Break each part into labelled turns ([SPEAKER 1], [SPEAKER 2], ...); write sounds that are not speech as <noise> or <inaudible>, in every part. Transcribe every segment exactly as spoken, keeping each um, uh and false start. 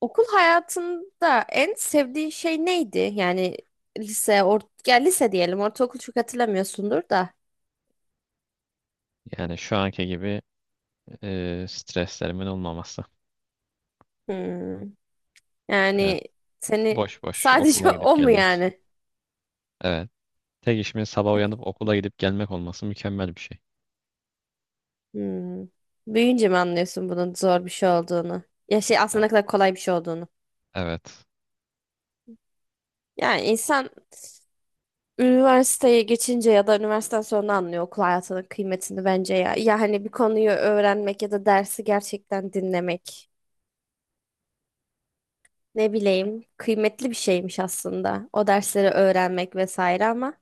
[SPEAKER 1] Okul hayatında en sevdiğin şey neydi? Yani lise, or ya lise diyelim, ortaokul çok hatırlamıyorsundur da.
[SPEAKER 2] Yani şu anki gibi e, streslerimin olmaması.
[SPEAKER 1] Hmm.
[SPEAKER 2] Evet,
[SPEAKER 1] Yani seni
[SPEAKER 2] boş boş
[SPEAKER 1] sadece <laughs>
[SPEAKER 2] okula gidip
[SPEAKER 1] o mu
[SPEAKER 2] gelmek.
[SPEAKER 1] yani?
[SPEAKER 2] Evet. Tek işimin sabah
[SPEAKER 1] Tabii.
[SPEAKER 2] uyanıp okula gidip gelmek olması mükemmel bir şey.
[SPEAKER 1] Hmm. Büyüyünce mi anlıyorsun bunun zor bir şey olduğunu? Ya şey
[SPEAKER 2] E,
[SPEAKER 1] aslında ne kadar kolay bir şey olduğunu.
[SPEAKER 2] Evet.
[SPEAKER 1] Yani insan üniversiteye geçince ya da üniversiteden sonra anlıyor okul hayatının kıymetini bence ya. Ya hani bir konuyu öğrenmek ya da dersi gerçekten dinlemek. Ne bileyim, kıymetli bir şeymiş aslında o dersleri öğrenmek vesaire ama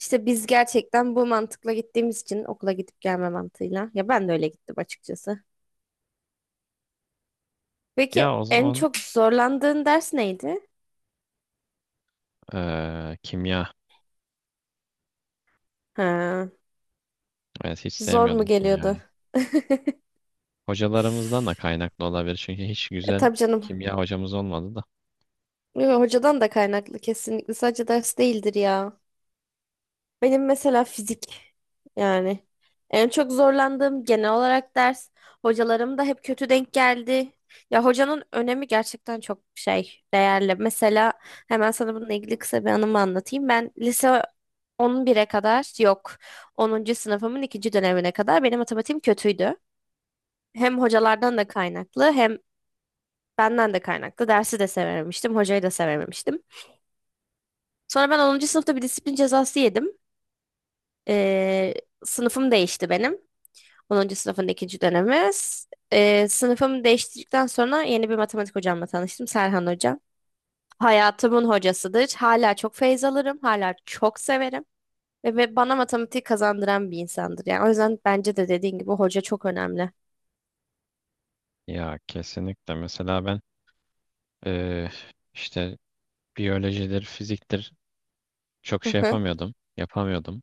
[SPEAKER 1] işte biz gerçekten bu mantıkla gittiğimiz için okula gidip gelme mantığıyla ya ben de öyle gittim açıkçası. Peki
[SPEAKER 2] Ya o
[SPEAKER 1] en
[SPEAKER 2] zaman
[SPEAKER 1] çok zorlandığın ders neydi?
[SPEAKER 2] e, kimya.
[SPEAKER 1] Ha,
[SPEAKER 2] Evet, hiç
[SPEAKER 1] zor mu
[SPEAKER 2] sevmiyordum
[SPEAKER 1] geliyordu?
[SPEAKER 2] kimyayı.
[SPEAKER 1] <laughs>
[SPEAKER 2] Hocalarımızdan da kaynaklı olabilir. Çünkü hiç
[SPEAKER 1] E,
[SPEAKER 2] güzel
[SPEAKER 1] tabii canım.
[SPEAKER 2] kimya hocamız olmadı da.
[SPEAKER 1] Yo, hocadan da kaynaklı kesinlikle sadece ders değildir ya. Benim mesela fizik, yani en çok zorlandığım genel olarak ders. Hocalarım da hep kötü denk geldi. Ya hocanın önemi gerçekten çok şey değerli. Mesela hemen sana bununla ilgili kısa bir anımı anlatayım. Ben lise on bire kadar yok, onuncu sınıfımın ikinci dönemine kadar benim matematiğim kötüydü. Hem hocalardan da kaynaklı hem benden de kaynaklı. Dersi de sevememiştim, hocayı da sevememiştim. Sonra ben onuncu sınıfta bir disiplin cezası yedim. Ee, Sınıfım değişti benim. Onuncu sınıfın ikinci dönemiz. Ee, sınıfımı değiştirdikten sonra yeni bir matematik hocamla tanıştım. Serhan Hoca. Hayatımın hocasıdır. Hala çok feyz alırım. Hala çok severim. Ve, ve bana matematik kazandıran bir insandır. Yani o yüzden bence de dediğin gibi hoca çok önemli.
[SPEAKER 2] Ya kesinlikle. Mesela ben, e, işte, biyolojidir, fiziktir, çok
[SPEAKER 1] Hı
[SPEAKER 2] şey
[SPEAKER 1] hı.
[SPEAKER 2] yapamıyordum. Yapamıyordum.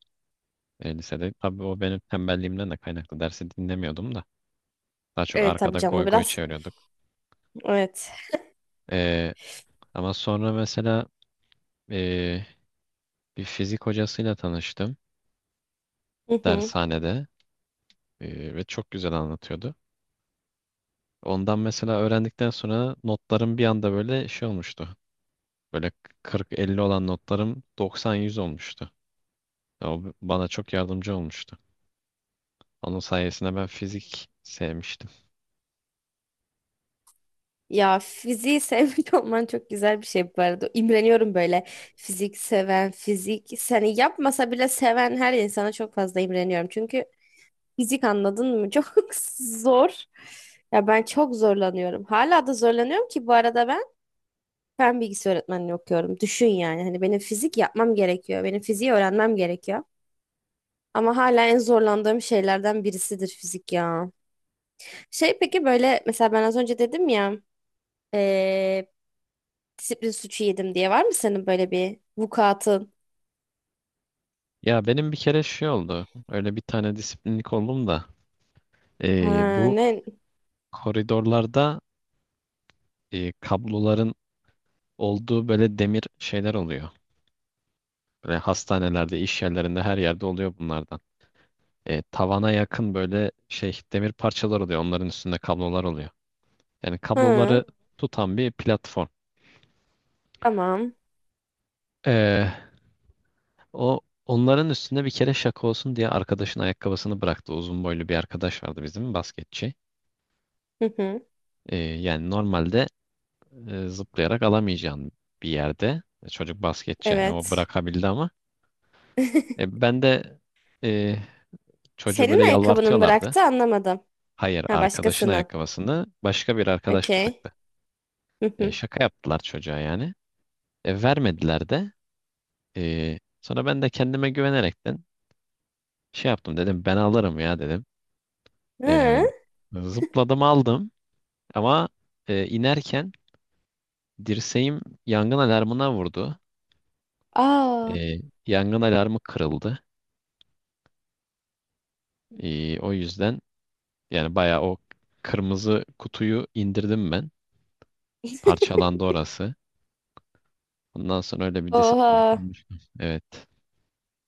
[SPEAKER 2] e, Lisede. Tabii o benim tembelliğimden de kaynaklı. Dersi dinlemiyordum da. Daha çok
[SPEAKER 1] Evet tabii
[SPEAKER 2] arkada
[SPEAKER 1] canım
[SPEAKER 2] goy goy
[SPEAKER 1] biraz.
[SPEAKER 2] çeviriyorduk.
[SPEAKER 1] Evet.
[SPEAKER 2] E, Ama sonra mesela e, bir fizik hocasıyla tanıştım
[SPEAKER 1] Hı hı.
[SPEAKER 2] dershanede. E, ve çok güzel anlatıyordu. Ondan mesela öğrendikten sonra notlarım bir anda böyle şey olmuştu. Böyle kırk elli olan notlarım doksan yüz olmuştu. Ya, o bana çok yardımcı olmuştu. Onun sayesinde ben fizik sevmiştim.
[SPEAKER 1] Ya fiziği sevmiş <laughs> olman çok güzel bir şey bu arada. İmreniyorum böyle fizik seven, fizik seni yapmasa bile seven her insana çok fazla imreniyorum. Çünkü fizik anladın mı? <laughs> Çok zor. Ya ben çok zorlanıyorum. Hala da zorlanıyorum ki bu arada ben fen bilgisi öğretmenliği okuyorum. Düşün yani hani benim fizik yapmam gerekiyor. Benim fiziği öğrenmem gerekiyor. Ama hala en zorlandığım şeylerden birisidir fizik ya. Şey peki böyle mesela ben az önce dedim ya, eee, disiplin suçu yedim diye var mı senin böyle bir vukuatın?
[SPEAKER 2] Ya benim bir kere şey oldu. Öyle bir tane disiplinlik oldum da. Eee,
[SPEAKER 1] Ha,
[SPEAKER 2] bu
[SPEAKER 1] ne?
[SPEAKER 2] koridorlarda e, kabloların olduğu böyle demir şeyler oluyor. Böyle hastanelerde, iş yerlerinde, her yerde oluyor bunlardan. E, tavana yakın böyle şey demir parçalar oluyor. Onların üstünde kablolar oluyor. Yani
[SPEAKER 1] Hı,
[SPEAKER 2] kabloları tutan bir platform.
[SPEAKER 1] tamam.
[SPEAKER 2] E, o onların üstünde bir kere şaka olsun diye arkadaşın ayakkabısını bıraktı. Uzun boylu bir arkadaş vardı bizim, basketçi.
[SPEAKER 1] Hı hı,
[SPEAKER 2] E, yani normalde e, zıplayarak alamayacağın bir yerde. Çocuk basketçi yani, o
[SPEAKER 1] evet.
[SPEAKER 2] bırakabildi ama. E,
[SPEAKER 1] <laughs>
[SPEAKER 2] ben de e, çocuğu
[SPEAKER 1] Senin
[SPEAKER 2] böyle
[SPEAKER 1] ayakkabının
[SPEAKER 2] yalvartıyorlardı.
[SPEAKER 1] bıraktı anlamadım.
[SPEAKER 2] Hayır,
[SPEAKER 1] Ha
[SPEAKER 2] arkadaşın
[SPEAKER 1] başkasının.
[SPEAKER 2] ayakkabısını başka bir arkadaş
[SPEAKER 1] Okey.
[SPEAKER 2] bıraktı.
[SPEAKER 1] Hı
[SPEAKER 2] E,
[SPEAKER 1] hı.
[SPEAKER 2] şaka yaptılar çocuğa yani. E, vermediler de. E, sonra ben de kendime güvenerekten şey yaptım, dedim ben alırım ya, dedim.
[SPEAKER 1] Ha.
[SPEAKER 2] E, Zıpladım aldım ama e, inerken dirseğim yangın alarmına vurdu.
[SPEAKER 1] Aa.
[SPEAKER 2] E, Yangın alarmı kırıldı. E, o yüzden yani bayağı o kırmızı kutuyu indirdim ben. Parçalandı orası. Ondan sonra öyle bir disiplin
[SPEAKER 1] Oha.
[SPEAKER 2] olmuştu. Evet.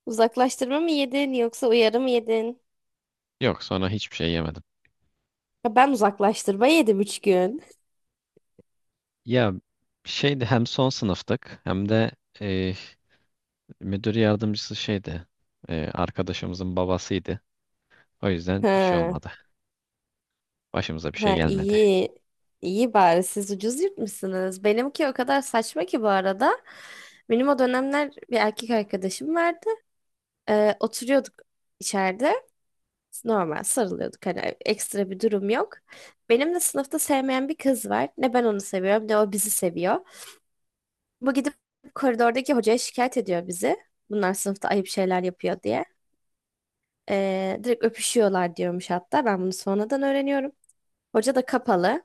[SPEAKER 1] Uzaklaştırma mı yedin yoksa uyarı mı yedin?
[SPEAKER 2] Yok, sonra hiçbir şey yemedim.
[SPEAKER 1] Ha, ben uzaklaştırma yedim üç gün.
[SPEAKER 2] Ya şeydi, hem son sınıftık hem de e, müdür yardımcısı şeydi. E, arkadaşımızın babasıydı. O yüzden şey
[SPEAKER 1] Ha.
[SPEAKER 2] olmadı. Başımıza bir şey
[SPEAKER 1] Ha
[SPEAKER 2] gelmedi.
[SPEAKER 1] iyi. İyi bari siz ucuz yırtmışsınız. Benimki o kadar saçma ki bu arada. Benim o dönemler bir erkek arkadaşım vardı. Ee, oturuyorduk içeride. Normal sarılıyorduk. Hani ekstra bir durum yok. Benim de sınıfta sevmeyen bir kız var. Ne ben onu seviyorum ne o bizi seviyor. Bu gidip koridordaki hocaya şikayet ediyor bizi. Bunlar sınıfta ayıp şeyler yapıyor diye. Ee, direkt öpüşüyorlar diyormuş hatta. Ben bunu sonradan öğreniyorum. Hoca da kapalı.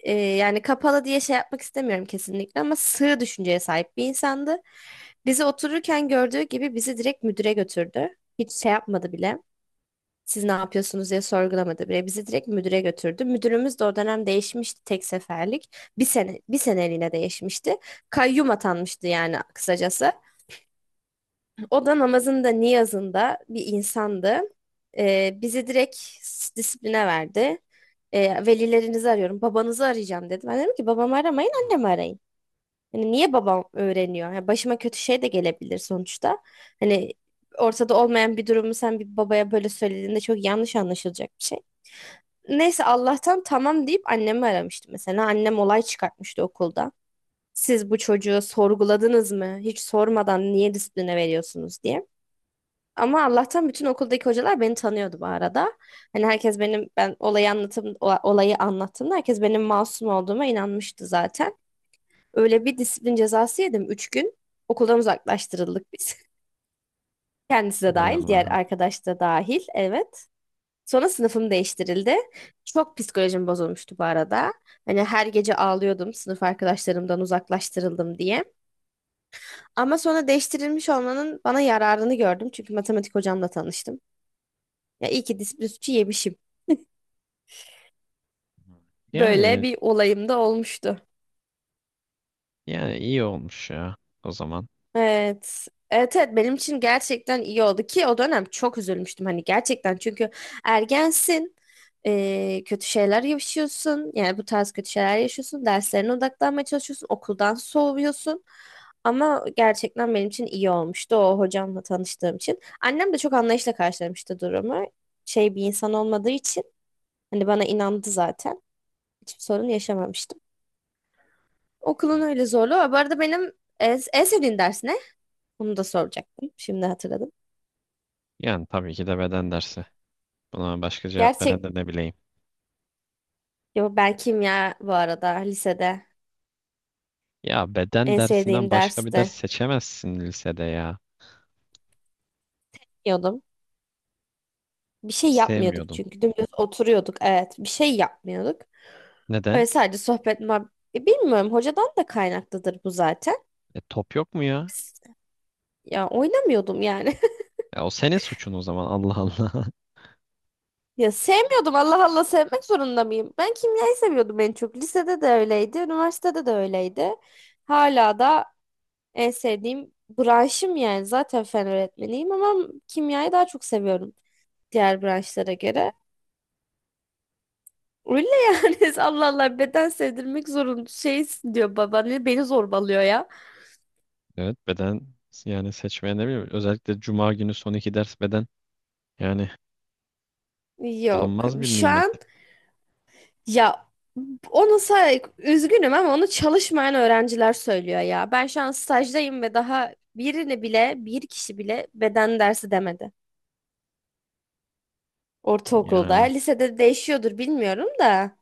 [SPEAKER 1] Ee, yani kapalı diye şey yapmak istemiyorum kesinlikle ama sığ düşünceye sahip bir insandı. Bizi otururken gördüğü gibi bizi direkt müdüre götürdü. Hiç şey yapmadı bile. Siz ne yapıyorsunuz diye sorgulamadı bile. Bizi direkt müdüre götürdü. Müdürümüz de o dönem değişmişti tek seferlik. Bir sene bir seneliğine değişmişti. Kayyum atanmıştı yani kısacası. O da namazında, niyazında bir insandı. Ee, bizi direkt s- disipline verdi. Ee, velilerinizi arıyorum, babanızı arayacağım dedi. Ben dedim ki babamı aramayın, annemi arayın. Hani niye babam öğreniyor? Yani başıma kötü şey de gelebilir sonuçta. Hani ortada olmayan bir durumu sen bir babaya böyle söylediğinde çok yanlış anlaşılacak bir şey. Neyse Allah'tan tamam deyip annemi aramıştı mesela. Annem olay çıkartmıştı okulda. Siz bu çocuğu sorguladınız mı? Hiç sormadan niye disipline veriyorsunuz diye. Ama Allah'tan bütün okuldaki hocalar beni tanıyordu bu arada. Hani herkes benim ben olayı anlatım ola- olayı anlattığımda herkes benim masum olduğuma inanmıştı zaten. Öyle bir disiplin cezası yedim. Üç gün okuldan uzaklaştırıldık biz. <laughs> Kendisi de
[SPEAKER 2] Ey
[SPEAKER 1] dahil, diğer
[SPEAKER 2] Allah'ım.
[SPEAKER 1] arkadaş da dahil. Evet. Sonra sınıfım değiştirildi. Çok psikolojim bozulmuştu bu arada. Hani her gece ağlıyordum sınıf arkadaşlarımdan uzaklaştırıldım diye. Ama sonra değiştirilmiş olmanın bana yararını gördüm. Çünkü matematik hocamla tanıştım. Ya iyi ki disiplin suçu yemişim. Böyle
[SPEAKER 2] Yani
[SPEAKER 1] bir olayım da olmuştu.
[SPEAKER 2] yani iyi olmuş ya o zaman.
[SPEAKER 1] Evet. Evet evet benim için gerçekten iyi oldu ki o dönem çok üzülmüştüm hani gerçekten çünkü ergensin, eee, kötü şeyler yaşıyorsun yani bu tarz kötü şeyler yaşıyorsun, derslerine odaklanmaya çalışıyorsun, okuldan soğuyorsun, ama gerçekten benim için iyi olmuştu o hocamla tanıştığım için, annem de çok anlayışla karşılamıştı durumu, şey bir insan olmadığı için hani bana inandı zaten, hiçbir sorun yaşamamıştım.
[SPEAKER 2] Hı.
[SPEAKER 1] Okulun öyle zorluğu var. Bu arada benim en, en sevdiğin ders ne? Bunu da soracaktım. Şimdi hatırladım.
[SPEAKER 2] Yani tabii ki de beden dersi. Buna başka cevap veren
[SPEAKER 1] Gerçek.
[SPEAKER 2] de ne bileyim.
[SPEAKER 1] Yo, ben kimya bu arada lisede
[SPEAKER 2] Ya beden
[SPEAKER 1] en
[SPEAKER 2] dersinden
[SPEAKER 1] sevdiğim
[SPEAKER 2] başka bir ders
[SPEAKER 1] derste
[SPEAKER 2] seçemezsin lisede ya.
[SPEAKER 1] diyordum. Bir şey yapmıyorduk
[SPEAKER 2] Sevmiyordun.
[SPEAKER 1] çünkü dümdüz oturuyorduk. Evet, bir şey yapmıyorduk.
[SPEAKER 2] Neden?
[SPEAKER 1] Öyle sadece sohbet muhab- E, Bilmiyorum hocadan da kaynaklıdır bu zaten.
[SPEAKER 2] E, top yok mu ya?
[SPEAKER 1] Biz- Ya oynamıyordum yani. <laughs>
[SPEAKER 2] Ya o senin suçun o zaman, Allah Allah. <laughs>
[SPEAKER 1] Ya sevmiyordum, Allah Allah sevmek zorunda mıyım? Ben kimyayı seviyordum en çok. Lisede de öyleydi, üniversitede de öyleydi. Hala da en sevdiğim branşım, yani zaten fen öğretmeniyim ama kimyayı daha çok seviyorum diğer branşlara göre. Öyle yani. <laughs> Allah Allah, beden sevdirmek zorun şeysin diyor, baba ne beni zorbalıyor ya.
[SPEAKER 2] Evet, beden yani, seçmeye ne bileyim. Özellikle cuma günü son iki ders beden, yani
[SPEAKER 1] Yok
[SPEAKER 2] bulunmaz bir
[SPEAKER 1] şu
[SPEAKER 2] nimet.
[SPEAKER 1] an ya, onu say, üzgünüm ama onu çalışmayan öğrenciler söylüyor ya. Ben şu an stajdayım ve daha birini bile bir kişi bile beden dersi demedi. Ortaokulda
[SPEAKER 2] Yani
[SPEAKER 1] lisede değişiyordur bilmiyorum da.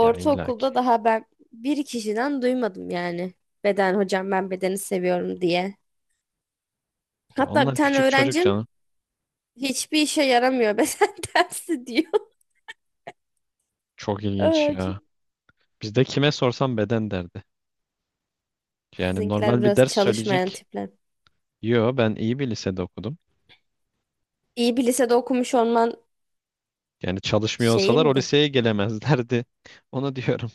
[SPEAKER 2] ya illaki.
[SPEAKER 1] daha ben bir kişiden duymadım yani. Beden hocam ben bedeni seviyorum diye.
[SPEAKER 2] Ya
[SPEAKER 1] Hatta bir
[SPEAKER 2] onlar
[SPEAKER 1] tane
[SPEAKER 2] küçük çocuk
[SPEAKER 1] öğrencim
[SPEAKER 2] canım.
[SPEAKER 1] hiçbir işe yaramıyor beden <laughs> dersi diyor.
[SPEAKER 2] Çok ilginç
[SPEAKER 1] Öğrencim.
[SPEAKER 2] ya. Bizde kime sorsam beden derdi. Yani
[SPEAKER 1] Sizinkiler
[SPEAKER 2] normal bir
[SPEAKER 1] biraz
[SPEAKER 2] ders
[SPEAKER 1] çalışmayan
[SPEAKER 2] söyleyecek.
[SPEAKER 1] tipler.
[SPEAKER 2] Yo, ben iyi bir lisede okudum.
[SPEAKER 1] İyi bir lisede okumuş olman
[SPEAKER 2] Yani çalışmıyor olsalar o
[SPEAKER 1] şeyimdi.
[SPEAKER 2] liseye gelemezlerdi. <laughs> Onu diyorum.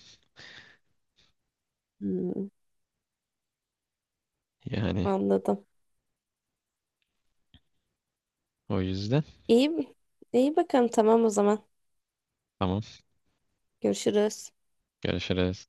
[SPEAKER 1] Hmm,
[SPEAKER 2] Yani
[SPEAKER 1] anladım.
[SPEAKER 2] o yüzden,
[SPEAKER 1] İyi, iyi bakalım tamam o zaman.
[SPEAKER 2] tamam,
[SPEAKER 1] Görüşürüz.
[SPEAKER 2] görüşürüz.